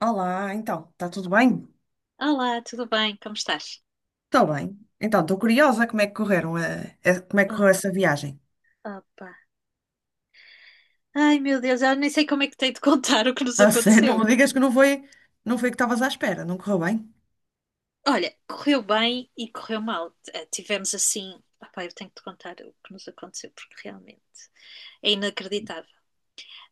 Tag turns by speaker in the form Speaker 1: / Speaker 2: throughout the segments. Speaker 1: Olá, então, está tudo bem?
Speaker 2: Olá, tudo bem? Como estás?
Speaker 1: Estou bem. Então, estou curiosa como é que como é que
Speaker 2: Oh,
Speaker 1: correu essa viagem.
Speaker 2: opa. Ai, meu Deus, eu nem sei como é que tenho de contar o que nos
Speaker 1: A sério, não
Speaker 2: aconteceu.
Speaker 1: me digas que não foi o que estavas à espera, não correu bem?
Speaker 2: Olha, correu bem e correu mal. Tivemos assim. Opa, eu tenho de contar o que nos aconteceu, porque realmente é inacreditável.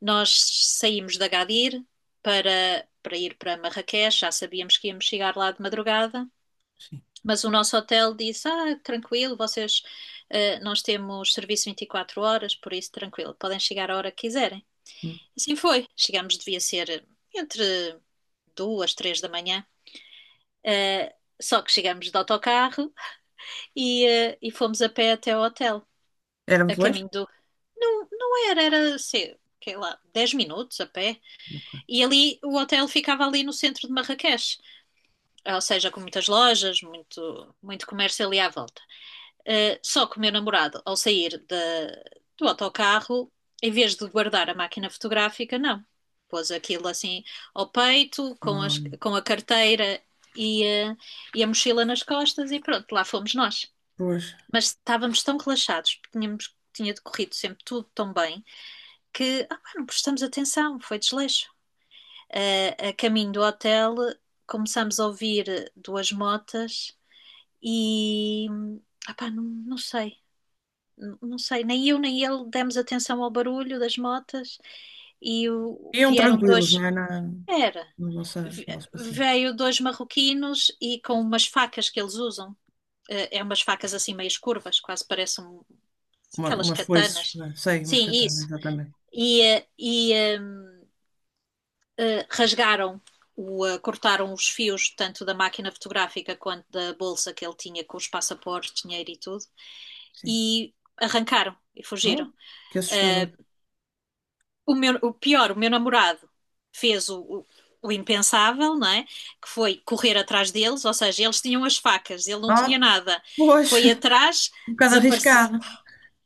Speaker 2: Nós saímos de Agadir para ir para Marrakech, já sabíamos que íamos chegar lá de madrugada,
Speaker 1: Sim.
Speaker 2: mas o nosso hotel disse: Ah, tranquilo, vocês, nós temos serviço 24 horas, por isso tranquilo, podem chegar a hora que quiserem.
Speaker 1: Hum.
Speaker 2: Assim foi. Chegámos, devia ser entre duas, três da manhã. Eh, só que chegámos de autocarro e fomos a pé até ao hotel.
Speaker 1: Era
Speaker 2: A
Speaker 1: muito longe?
Speaker 2: caminho do. Não, não era, sei lá, 10 minutos a pé.
Speaker 1: Ok.
Speaker 2: E ali o hotel ficava ali no centro de Marrakech. Ou seja, com muitas lojas, muito, muito comércio ali à volta. Só que o meu namorado, ao sair do autocarro, em vez de guardar a máquina fotográfica, não. Pôs aquilo assim ao peito, com, as-
Speaker 1: Hum,
Speaker 2: com a carteira e, uh, e a mochila nas costas e pronto, lá fomos nós.
Speaker 1: pois.
Speaker 2: Mas estávamos tão relaxados, porque tinha decorrido sempre tudo tão bem, que ah, pá, não prestamos atenção, foi desleixo. A caminho do hotel, começámos a ouvir duas motas e, ah, pá, não, não sei, nem eu nem ele demos atenção ao barulho das motas e
Speaker 1: Iam
Speaker 2: vieram
Speaker 1: tranquilos,
Speaker 2: dois,
Speaker 1: não é?
Speaker 2: era,
Speaker 1: Na nossa,
Speaker 2: ve-
Speaker 1: no nosso passeio.
Speaker 2: veio dois marroquinos e com umas facas que eles usam, é umas facas assim meias curvas, quase parecem aquelas
Speaker 1: Umas foices,
Speaker 2: katanas.
Speaker 1: não é? Sei, umas
Speaker 2: Sim,
Speaker 1: katanas,
Speaker 2: isso.
Speaker 1: exatamente.
Speaker 2: E, eh, e ehm, eh, rasgaram cortaram os fios tanto da máquina fotográfica quanto da bolsa que ele tinha com os passaportes, dinheiro e tudo
Speaker 1: Sim.
Speaker 2: e arrancaram e
Speaker 1: Ah,
Speaker 2: fugiram.
Speaker 1: que
Speaker 2: Eh,
Speaker 1: assustador.
Speaker 2: o meu, o pior, o meu namorado fez o impensável, não é? Que foi correr atrás deles, ou seja, eles tinham as facas, ele não
Speaker 1: Ah,
Speaker 2: tinha nada.
Speaker 1: pois,
Speaker 2: Foi atrás,
Speaker 1: um bocado
Speaker 2: desapareceu.
Speaker 1: arriscado.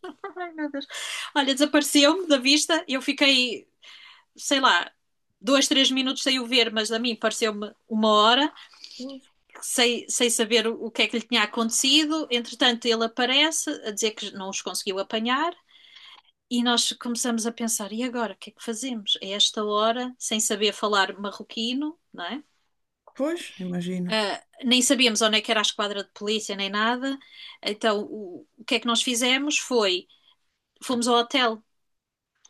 Speaker 2: Ai, meu Deus. Olha, desapareceu-me da vista, eu fiquei, sei lá, dois, três minutos sem o ver, mas a mim pareceu-me uma hora,
Speaker 1: Pois,
Speaker 2: sem saber o que é que lhe tinha acontecido. Entretanto, ele aparece a dizer que não os conseguiu apanhar. E nós começamos a pensar, e agora, o que é que fazemos? A esta hora, sem saber falar marroquino, não é?
Speaker 1: pois, imagino.
Speaker 2: Nem sabíamos onde é que era a esquadra de polícia, nem nada. Então, o que é que nós fizemos foi, fomos ao hotel,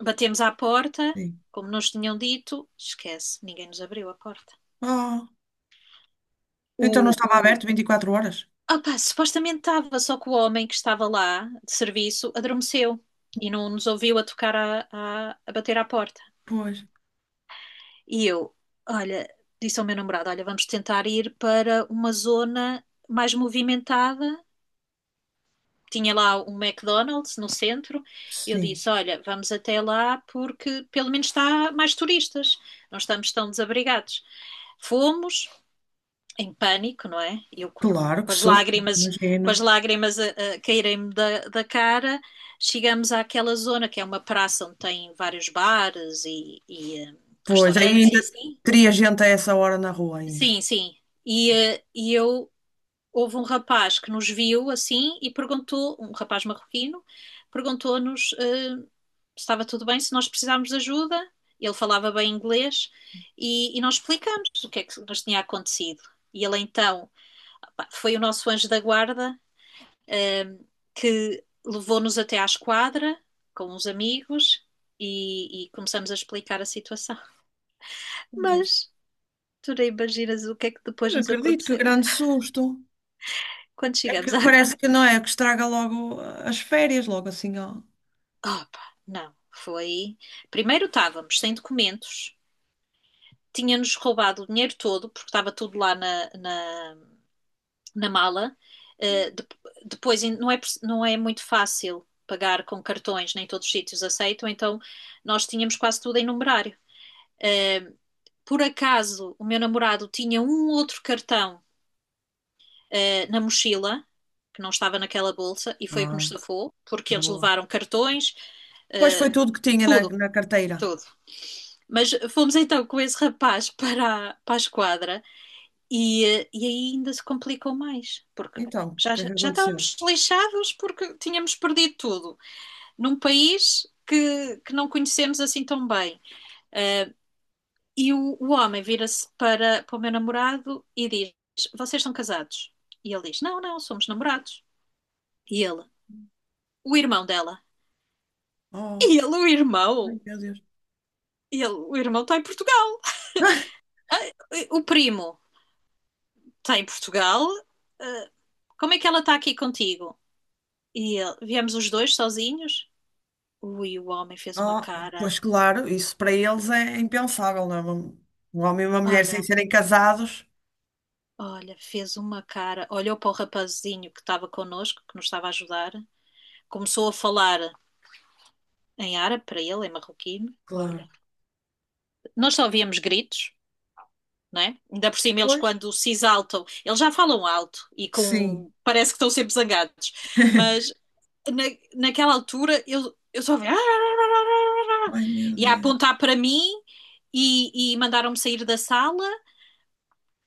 Speaker 2: batemos à porta,
Speaker 1: Sim.
Speaker 2: como nos tinham dito, esquece, ninguém nos abriu a porta.
Speaker 1: Ah, então não
Speaker 2: O,
Speaker 1: estava
Speaker 2: o,
Speaker 1: aberto 24 horas?
Speaker 2: opá, supostamente estava, só que o homem que estava lá, de serviço, adormeceu e não nos ouviu a tocar, a bater à porta.
Speaker 1: Pois,
Speaker 2: E eu, olha, disse ao meu namorado: olha, vamos tentar ir para uma zona mais movimentada. Tinha lá um McDonald's no centro. Eu
Speaker 1: sim,
Speaker 2: disse: olha, vamos até lá porque pelo menos está mais turistas, não estamos tão desabrigados. Fomos em pânico, não é? Eu com,
Speaker 1: claro
Speaker 2: com
Speaker 1: que
Speaker 2: as
Speaker 1: susto,
Speaker 2: lágrimas, com as
Speaker 1: imagino.
Speaker 2: lágrimas a caírem-me da cara. Chegamos àquela zona que é uma praça onde tem vários bares e
Speaker 1: Pois, aí
Speaker 2: restaurantes e
Speaker 1: ainda
Speaker 2: assim.
Speaker 1: teria gente a essa hora na rua ainda.
Speaker 2: Sim, sim. E eu houve um rapaz que nos viu assim e perguntou, um rapaz marroquino, perguntou-nos se estava tudo bem, se nós precisávamos de ajuda. Ele falava bem inglês e nós explicamos o que é que nos tinha acontecido. E ele então pá, foi o nosso anjo da guarda que levou-nos até à esquadra com uns amigos e começamos a explicar a situação.
Speaker 1: Pois,
Speaker 2: Mas tu nem imaginas o que é que
Speaker 1: mas
Speaker 2: depois nos
Speaker 1: acredito que
Speaker 2: aconteceu.
Speaker 1: grande susto.
Speaker 2: Quando
Speaker 1: É
Speaker 2: chegamos
Speaker 1: que
Speaker 2: à
Speaker 1: parece que não é, que estraga logo as férias, logo assim, ó.
Speaker 2: Opa, não. Foi. Primeiro estávamos sem documentos, tinha-nos roubado o dinheiro todo, porque estava tudo lá na mala. Uh, de- depois não é muito fácil pagar com cartões, nem todos os sítios aceitam, então nós tínhamos quase tudo em numerário. Uh, por acaso, o meu namorado tinha um outro cartão, na mochila, que não estava naquela bolsa, e foi o que nos
Speaker 1: Ah,
Speaker 2: safou, porque eles
Speaker 1: boa.
Speaker 2: levaram cartões,
Speaker 1: Pois foi tudo que tinha
Speaker 2: tudo,
Speaker 1: na carteira.
Speaker 2: tudo. Mas fomos então com esse rapaz para a esquadra e aí ainda se complicou mais, porque
Speaker 1: Então, o
Speaker 2: já,
Speaker 1: que é que
Speaker 2: já
Speaker 1: aconteceu?
Speaker 2: estávamos lixados porque tínhamos perdido tudo num país que não conhecemos assim tão bem. Ah, e o homem vira-se para o meu namorado e diz: Vocês são casados? E ele diz: Não, não, somos namorados. E ele: O irmão dela.
Speaker 1: Oh,
Speaker 2: E ele: O irmão?
Speaker 1: ai, meu Deus.
Speaker 2: E ele: O irmão está em Portugal. O primo está em Portugal. Ah, como é que ela está aqui contigo? E ele, viemos os dois sozinhos? Ui, o homem fez uma
Speaker 1: Oh,
Speaker 2: cara.
Speaker 1: pois claro, isso para eles é impensável, não é? Um homem e uma mulher sem
Speaker 2: Olha,
Speaker 1: serem casados.
Speaker 2: olha, fez uma cara. Olhou para o rapazinho que estava connosco, que nos estava a ajudar. Começou a falar em árabe para ele, em marroquino. Olha,
Speaker 1: Claro.
Speaker 2: nós só ovíamos gritos, não é? Ainda por cima, eles
Speaker 1: Pois,
Speaker 2: quando se exaltam, eles já falam alto e
Speaker 1: sim.
Speaker 2: com. Parece que estão sempre zangados, mas na, naquela altura eu só vi
Speaker 1: Ai, meu
Speaker 2: e a
Speaker 1: Deus.
Speaker 2: apontar para mim e mandaram-me sair da sala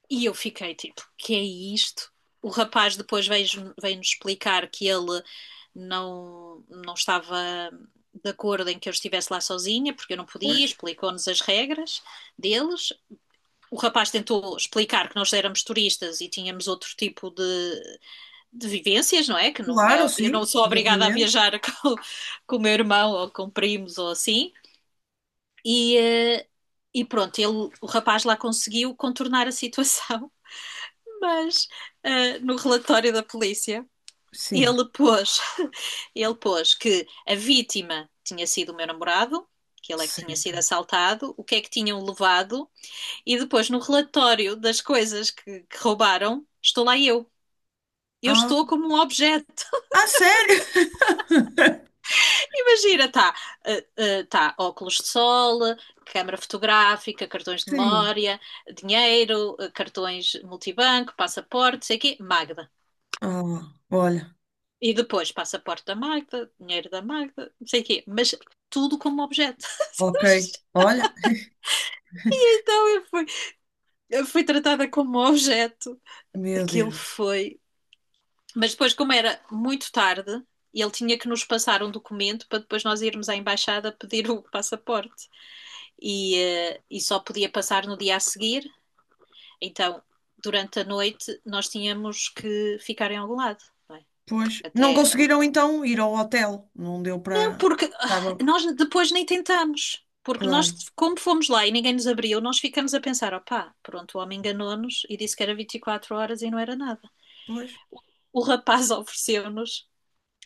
Speaker 2: e eu fiquei tipo, que é isto? O rapaz depois veio explicar que ele não estava de acordo em que eu estivesse lá sozinha, porque eu não
Speaker 1: Pois,
Speaker 2: podia, explicou-nos as regras deles. O rapaz tentou explicar que nós éramos turistas e tínhamos outro tipo de vivências, não é? Que não
Speaker 1: claro,
Speaker 2: é, eu não
Speaker 1: sim,
Speaker 2: sou obrigada a
Speaker 1: exatamente.
Speaker 2: viajar com o meu irmão ou com primos ou assim. E, eh, e pronto, ele, o rapaz lá conseguiu contornar a situação, mas no relatório da polícia
Speaker 1: Sim,
Speaker 2: ele pôs, que a vítima tinha sido o meu namorado, que ele é que tinha sido
Speaker 1: certo.
Speaker 2: assaltado, o que é que tinham levado, e depois no relatório das coisas que roubaram, estou lá eu. Eu
Speaker 1: Ah,
Speaker 2: estou como um objeto.
Speaker 1: ah, sério?
Speaker 2: Imagina, tá óculos de sol, câmara fotográfica, cartões de
Speaker 1: Sim.
Speaker 2: memória, dinheiro, cartões multibanco, passaporte, não sei o quê, Magda.
Speaker 1: Ah, olha.
Speaker 2: E depois passaporte da Magda, dinheiro da Magda, não sei o quê, mas tudo como objeto.
Speaker 1: Ok. Olha,
Speaker 2: E então eu fui tratada como objeto.
Speaker 1: meu
Speaker 2: Aquilo
Speaker 1: Deus.
Speaker 2: foi. Mas depois, como era muito tarde, ele tinha que nos passar um documento para depois nós irmos à embaixada pedir o passaporte. E só podia passar no dia a seguir. Então, durante a noite, nós tínhamos que ficar em algum lado. Não é?
Speaker 1: Pois, não
Speaker 2: Até.
Speaker 1: conseguiram então ir ao hotel. Não deu
Speaker 2: Não,
Speaker 1: para.
Speaker 2: porque ah,
Speaker 1: Estava,
Speaker 2: nós depois nem tentamos. Porque nós,
Speaker 1: claro.
Speaker 2: como fomos lá e ninguém nos abriu, nós ficamos a pensar: opá, pronto, o homem enganou-nos e disse que era 24 horas e não era nada.
Speaker 1: Pois.
Speaker 2: O rapaz ofereceu-nos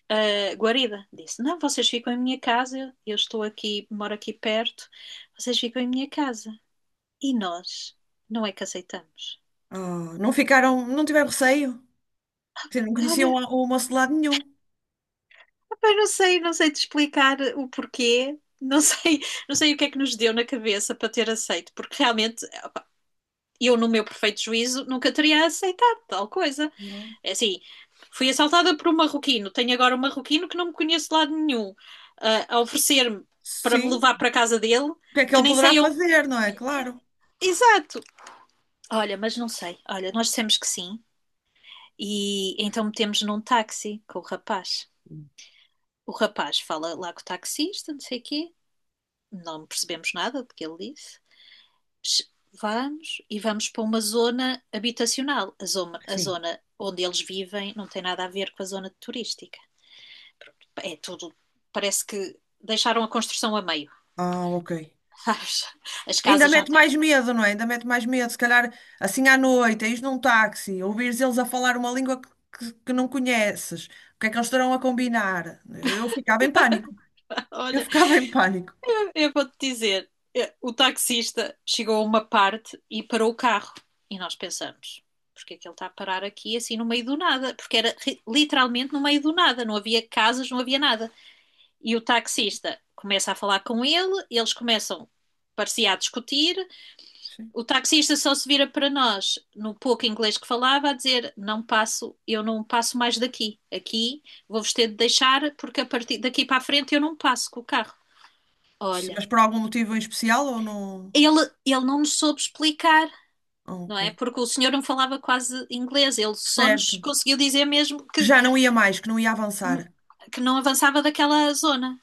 Speaker 2: guarida. Disse: não, vocês ficam em minha casa, eu estou aqui, moro aqui perto, vocês ficam em minha casa. E nós não é que aceitamos.
Speaker 1: Ah, não ficaram, não tiveram receio. Porque não conheciam
Speaker 2: Olha,
Speaker 1: o moço de lado nenhum.
Speaker 2: mas não sei, não sei te explicar o porquê. Não sei, não sei o que é que nos deu na cabeça para ter aceito, porque realmente eu, no meu perfeito juízo, nunca teria aceitado tal coisa.
Speaker 1: Claro.
Speaker 2: É assim, fui assaltada por um marroquino, tenho agora um marroquino que não me conheço de lado nenhum, ah, a oferecer-me para me
Speaker 1: Sim.
Speaker 2: levar para a casa dele,
Speaker 1: O que é que
Speaker 2: que
Speaker 1: ele
Speaker 2: nem
Speaker 1: poderá
Speaker 2: sei eu.
Speaker 1: fazer, não é? Claro.
Speaker 2: Exato! Olha, mas não sei. Olha, nós dissemos que sim, e então metemos num táxi com o rapaz. O rapaz fala lá com o taxista, não sei o quê. Não percebemos nada do que ele disse. Vamos e vamos para uma zona habitacional. A zona, a
Speaker 1: Sim.
Speaker 2: zona onde eles vivem não tem nada a ver com a zona turística. É tudo. Parece que deixaram a construção a meio.
Speaker 1: Ah, ok.
Speaker 2: As, as
Speaker 1: Ainda
Speaker 2: casas não
Speaker 1: mete
Speaker 2: têm.
Speaker 1: mais medo, não é? Ainda mete mais medo. Se calhar, assim à noite, ires num táxi, ouvires eles a falar uma língua que não conheces. O que é que eles estarão a combinar? Eu ficava em pânico. Eu
Speaker 2: Olha,
Speaker 1: ficava em pânico.
Speaker 2: eu vou-te dizer: o taxista chegou a uma parte e parou o carro. E nós pensamos: porque é que ele está a parar aqui assim no meio do nada? Porque era literalmente no meio do nada, não havia casas, não havia nada. E o taxista começa a falar com ele, eles começam, parecia, a discutir.
Speaker 1: Sim.
Speaker 2: O taxista só se vira para nós, no pouco inglês que falava, a dizer: Não passo, eu não passo mais daqui. Aqui vou-vos ter de deixar, porque a partir daqui para a frente eu não passo com o carro. Olha,
Speaker 1: Mas por algum motivo em especial ou não?
Speaker 2: ele, ele não nos soube explicar.
Speaker 1: Ah,
Speaker 2: Não
Speaker 1: ok.
Speaker 2: é? Porque o senhor não falava quase inglês, ele só nos
Speaker 1: Certo.
Speaker 2: conseguiu dizer mesmo
Speaker 1: Que
Speaker 2: que,
Speaker 1: já não ia mais, que não ia avançar.
Speaker 2: não avançava daquela zona.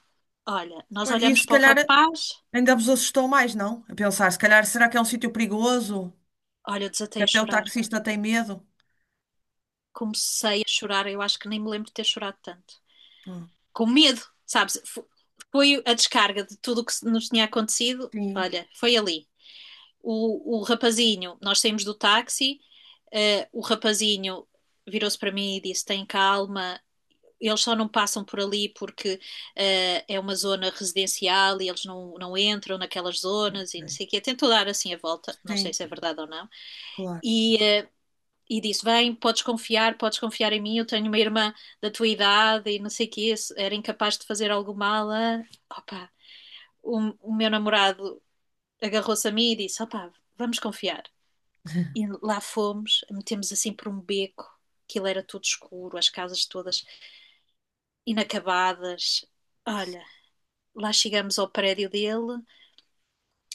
Speaker 2: Olha, nós
Speaker 1: Pois, e
Speaker 2: olhamos
Speaker 1: se
Speaker 2: para o
Speaker 1: calhar
Speaker 2: rapaz,
Speaker 1: ainda vos assustou mais, não? A pensar, se calhar, será que é um sítio perigoso?
Speaker 2: olha, eu
Speaker 1: Que
Speaker 2: desatei a
Speaker 1: até o
Speaker 2: chorar.
Speaker 1: taxista tem medo?
Speaker 2: Comecei a chorar, eu acho que nem me lembro de ter chorado tanto.
Speaker 1: Ah,
Speaker 2: Com medo, sabes? Foi a descarga de tudo o que nos tinha acontecido.
Speaker 1: sim.
Speaker 2: Olha, foi ali. O rapazinho, nós saímos do táxi, o rapazinho virou-se para mim e disse: tem calma, eles só não passam por ali porque é uma zona residencial e eles não entram naquelas zonas e não
Speaker 1: Ok.
Speaker 2: sei o quê. Tentou dar assim a volta, não sei
Speaker 1: Sim,
Speaker 2: se é verdade ou não.
Speaker 1: claro.
Speaker 2: E e disse: Vem, podes confiar em mim. Eu tenho uma irmã da tua idade e não sei o que, era incapaz de fazer algo mal. Ah. Opa, o, o meu namorado agarrou-se a mim e disse: Opa, vamos confiar. E lá fomos, metemos assim por um beco, aquilo era tudo escuro, as casas todas inacabadas. Olha, lá chegamos ao prédio dele.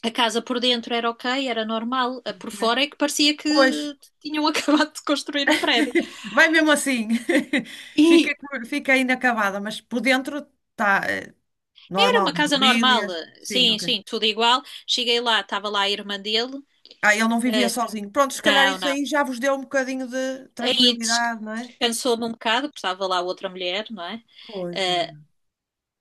Speaker 2: A casa por dentro era ok, era normal. A por
Speaker 1: Ok.
Speaker 2: fora é que parecia que
Speaker 1: Pois,
Speaker 2: tinham acabado de construir o prédio.
Speaker 1: vai mesmo assim.
Speaker 2: E
Speaker 1: Fica inacabada, mas por dentro está
Speaker 2: era
Speaker 1: normal,
Speaker 2: uma
Speaker 1: né?
Speaker 2: casa normal,
Speaker 1: Mobílias. Sim,
Speaker 2: sim,
Speaker 1: ok.
Speaker 2: sim, tudo igual. Cheguei lá, estava lá a irmã dele.
Speaker 1: Ah, ele não vivia
Speaker 2: Eh,
Speaker 1: sozinho. Pronto, se calhar
Speaker 2: não,
Speaker 1: isso
Speaker 2: não.
Speaker 1: aí já vos deu um bocadinho de
Speaker 2: Aí
Speaker 1: tranquilidade, não é?
Speaker 2: descansou-me um bocado, porque estava lá outra mulher, não é?
Speaker 1: Pois,
Speaker 2: Eh,
Speaker 1: menina.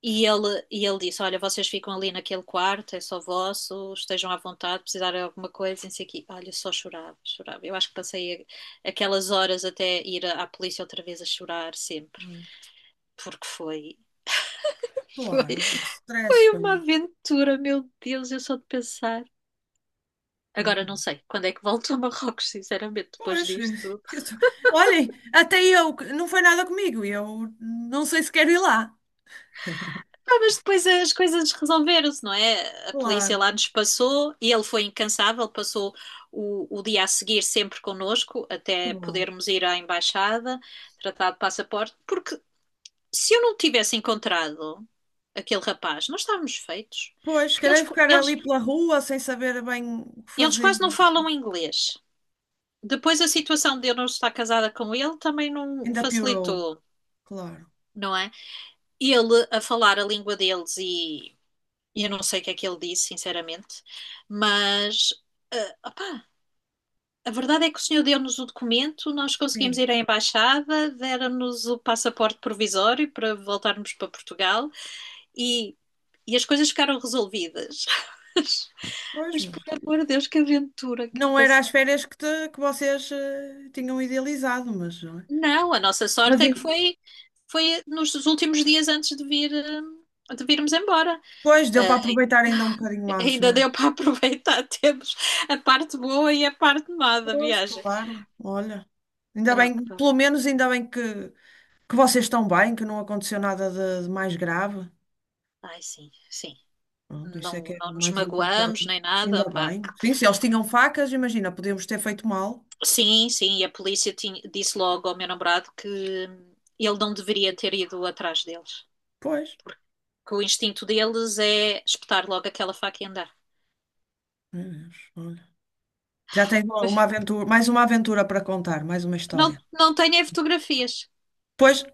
Speaker 2: e ele disse: Olha, vocês ficam ali naquele quarto, é só vosso, estejam à vontade, precisarem de alguma coisa, não sei o quê. Olha, só chorava, chorava. Eu acho que passei aquelas horas até ir à, à polícia outra vez a chorar sempre,
Speaker 1: Hum,
Speaker 2: porque foi, foi,
Speaker 1: Claro, o stress
Speaker 2: foi uma
Speaker 1: foi.
Speaker 2: aventura, meu Deus, eu só de pensar. Agora
Speaker 1: Meu.
Speaker 2: não
Speaker 1: Deus.
Speaker 2: sei quando é que volto a Marrocos, sinceramente, depois
Speaker 1: Pois,
Speaker 2: disto tudo.
Speaker 1: eu tô- olhem, até eu, que não foi nada comigo, e eu não sei se quero ir lá.
Speaker 2: Ah, mas depois as coisas resolveram-se, não é? A polícia
Speaker 1: Claro,
Speaker 2: lá nos passou e ele foi incansável, passou o dia a seguir sempre connosco,
Speaker 1: que
Speaker 2: até
Speaker 1: bom.
Speaker 2: podermos ir à embaixada, tratar de passaporte, porque se eu não tivesse encontrado aquele rapaz, nós estávamos feitos.
Speaker 1: Pois,
Speaker 2: Porque eles,
Speaker 1: querer ficar
Speaker 2: eles,
Speaker 1: ali pela rua sem saber bem o que
Speaker 2: eles
Speaker 1: fazer,
Speaker 2: quase não
Speaker 1: não sei.
Speaker 2: falam inglês. Depois a situação de eu não estar casada com ele também não
Speaker 1: Ainda piorou,
Speaker 2: facilitou,
Speaker 1: claro.
Speaker 2: não é? Ele a falar a língua deles e eu não sei o que é que ele disse, sinceramente, mas a verdade é que o senhor deu-nos o documento, nós conseguimos
Speaker 1: Sim,
Speaker 2: ir à embaixada, deram-nos o passaporte provisório para voltarmos para Portugal e, e as coisas ficaram resolvidas.
Speaker 1: pois,
Speaker 2: Mas
Speaker 1: mas
Speaker 2: por amor de Deus, que aventura que
Speaker 1: não era as
Speaker 2: passei.
Speaker 1: férias que vocês tinham idealizado, mas, não é?
Speaker 2: Não, a nossa
Speaker 1: Mas
Speaker 2: sorte é que foi, foi nos últimos dias antes de vir, de virmos embora.
Speaker 1: pois, deu para aproveitar ainda um bocadinho antes,
Speaker 2: Ainda
Speaker 1: não é?
Speaker 2: deu para aproveitar. Temos a parte boa e a parte má da
Speaker 1: Pois,
Speaker 2: viagem.
Speaker 1: claro, olha. Ainda bem,
Speaker 2: Opa.
Speaker 1: pelo menos ainda que vocês estão bem, que não aconteceu nada de mais grave.
Speaker 2: Ai, sim, sim.
Speaker 1: Pronto, isso é
Speaker 2: Não,
Speaker 1: que é
Speaker 2: não
Speaker 1: o
Speaker 2: nos
Speaker 1: mais importante.
Speaker 2: magoamos nem nada.
Speaker 1: Ainda
Speaker 2: Opa.
Speaker 1: bem. Sim, se eles tinham facas, imagina, podíamos ter feito mal.
Speaker 2: Sim, sim. E a polícia disse logo ao meu namorado que ele não deveria ter ido atrás deles.
Speaker 1: Pois,
Speaker 2: Que o instinto deles é espetar logo aquela faca e andar.
Speaker 1: meu Deus, olha. Já tens uma aventura, mais uma aventura para contar, mais uma
Speaker 2: Não,
Speaker 1: história.
Speaker 2: não tenho é fotografias.
Speaker 1: Pois,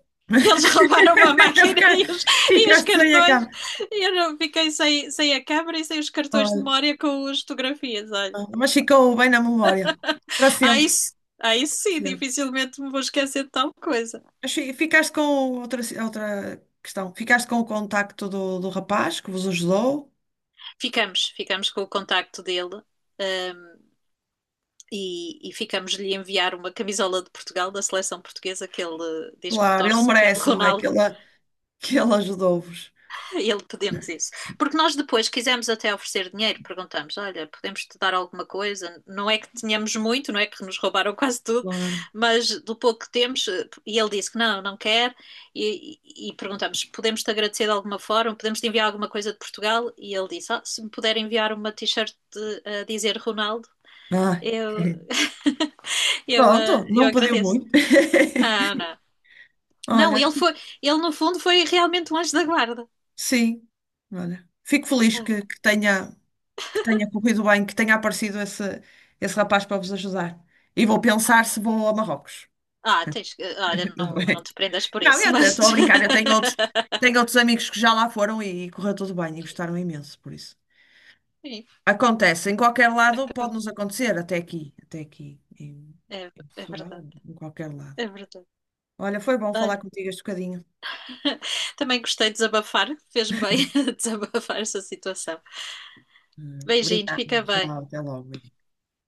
Speaker 2: Eles roubaram a máquina
Speaker 1: Ficar-
Speaker 2: e os
Speaker 1: ficaste sem a cara.
Speaker 2: cartões. E eu não fiquei sem a câmera e sem os cartões de
Speaker 1: Olha,
Speaker 2: memória com as fotografias, olha.
Speaker 1: mas ficou bem na memória. Para
Speaker 2: Aí,
Speaker 1: sempre.
Speaker 2: s- aí
Speaker 1: Para
Speaker 2: sim,
Speaker 1: sempre.
Speaker 2: dificilmente me vou esquecer de tal coisa.
Speaker 1: Mas ficaste com outra questão. Ficaste com o contacto do rapaz que vos ajudou?
Speaker 2: Ficamos, ficamos com o contacto dele, ahm, e ficamos-lhe enviar uma camisola de Portugal, da seleção portuguesa, que ele diz que
Speaker 1: Claro, ele
Speaker 2: torce pelo
Speaker 1: merece, não é?
Speaker 2: Ronaldo.
Speaker 1: Que ele ajudou-vos.
Speaker 2: Ele pedimos isso. Porque nós depois quisemos até oferecer dinheiro, perguntamos: olha, podemos te dar alguma coisa? Não é que tínhamos muito, não é que nos roubaram quase tudo,
Speaker 1: Claro.
Speaker 2: mas do pouco que temos, e ele disse que não, não quer. E perguntamos: podemos te agradecer de alguma forma? Podemos te enviar alguma coisa de Portugal? E ele disse: ah, se me puder enviar uma t-shirt a dizer Ronaldo,
Speaker 1: Ai.
Speaker 2: eu,
Speaker 1: Pronto,
Speaker 2: eu
Speaker 1: não pediu
Speaker 2: agradeço.
Speaker 1: muito.
Speaker 2: Não, não. Não,
Speaker 1: Olha,
Speaker 2: ele foi, ele no fundo foi realmente um anjo da guarda.
Speaker 1: sim. Olha, fico feliz que tenha corrido bem, que tenha aparecido esse, esse rapaz para vos ajudar. E vou pensar se vou a Marrocos.
Speaker 2: Ah, tens que. Olha,
Speaker 1: Tá
Speaker 2: não, não
Speaker 1: bem.
Speaker 2: te prendas por
Speaker 1: Não,
Speaker 2: isso,
Speaker 1: eu
Speaker 2: mas.
Speaker 1: estou a brincar. Eu tenho outros amigos que já lá foram e correu tudo bem e gostaram imenso, por isso.
Speaker 2: Sim,
Speaker 1: Acontece, em qualquer lado pode-nos acontecer, até aqui, em,
Speaker 2: é,
Speaker 1: em
Speaker 2: é
Speaker 1: Portugal,
Speaker 2: verdade,
Speaker 1: em qualquer lado.
Speaker 2: é verdade.
Speaker 1: Olha, foi bom
Speaker 2: Olha,
Speaker 1: falar contigo este bocadinho.
Speaker 2: também gostei de desabafar, fez-me bem desabafar essa situação. Beijinho,
Speaker 1: Obrigada,
Speaker 2: fica bem.
Speaker 1: tchau, até logo.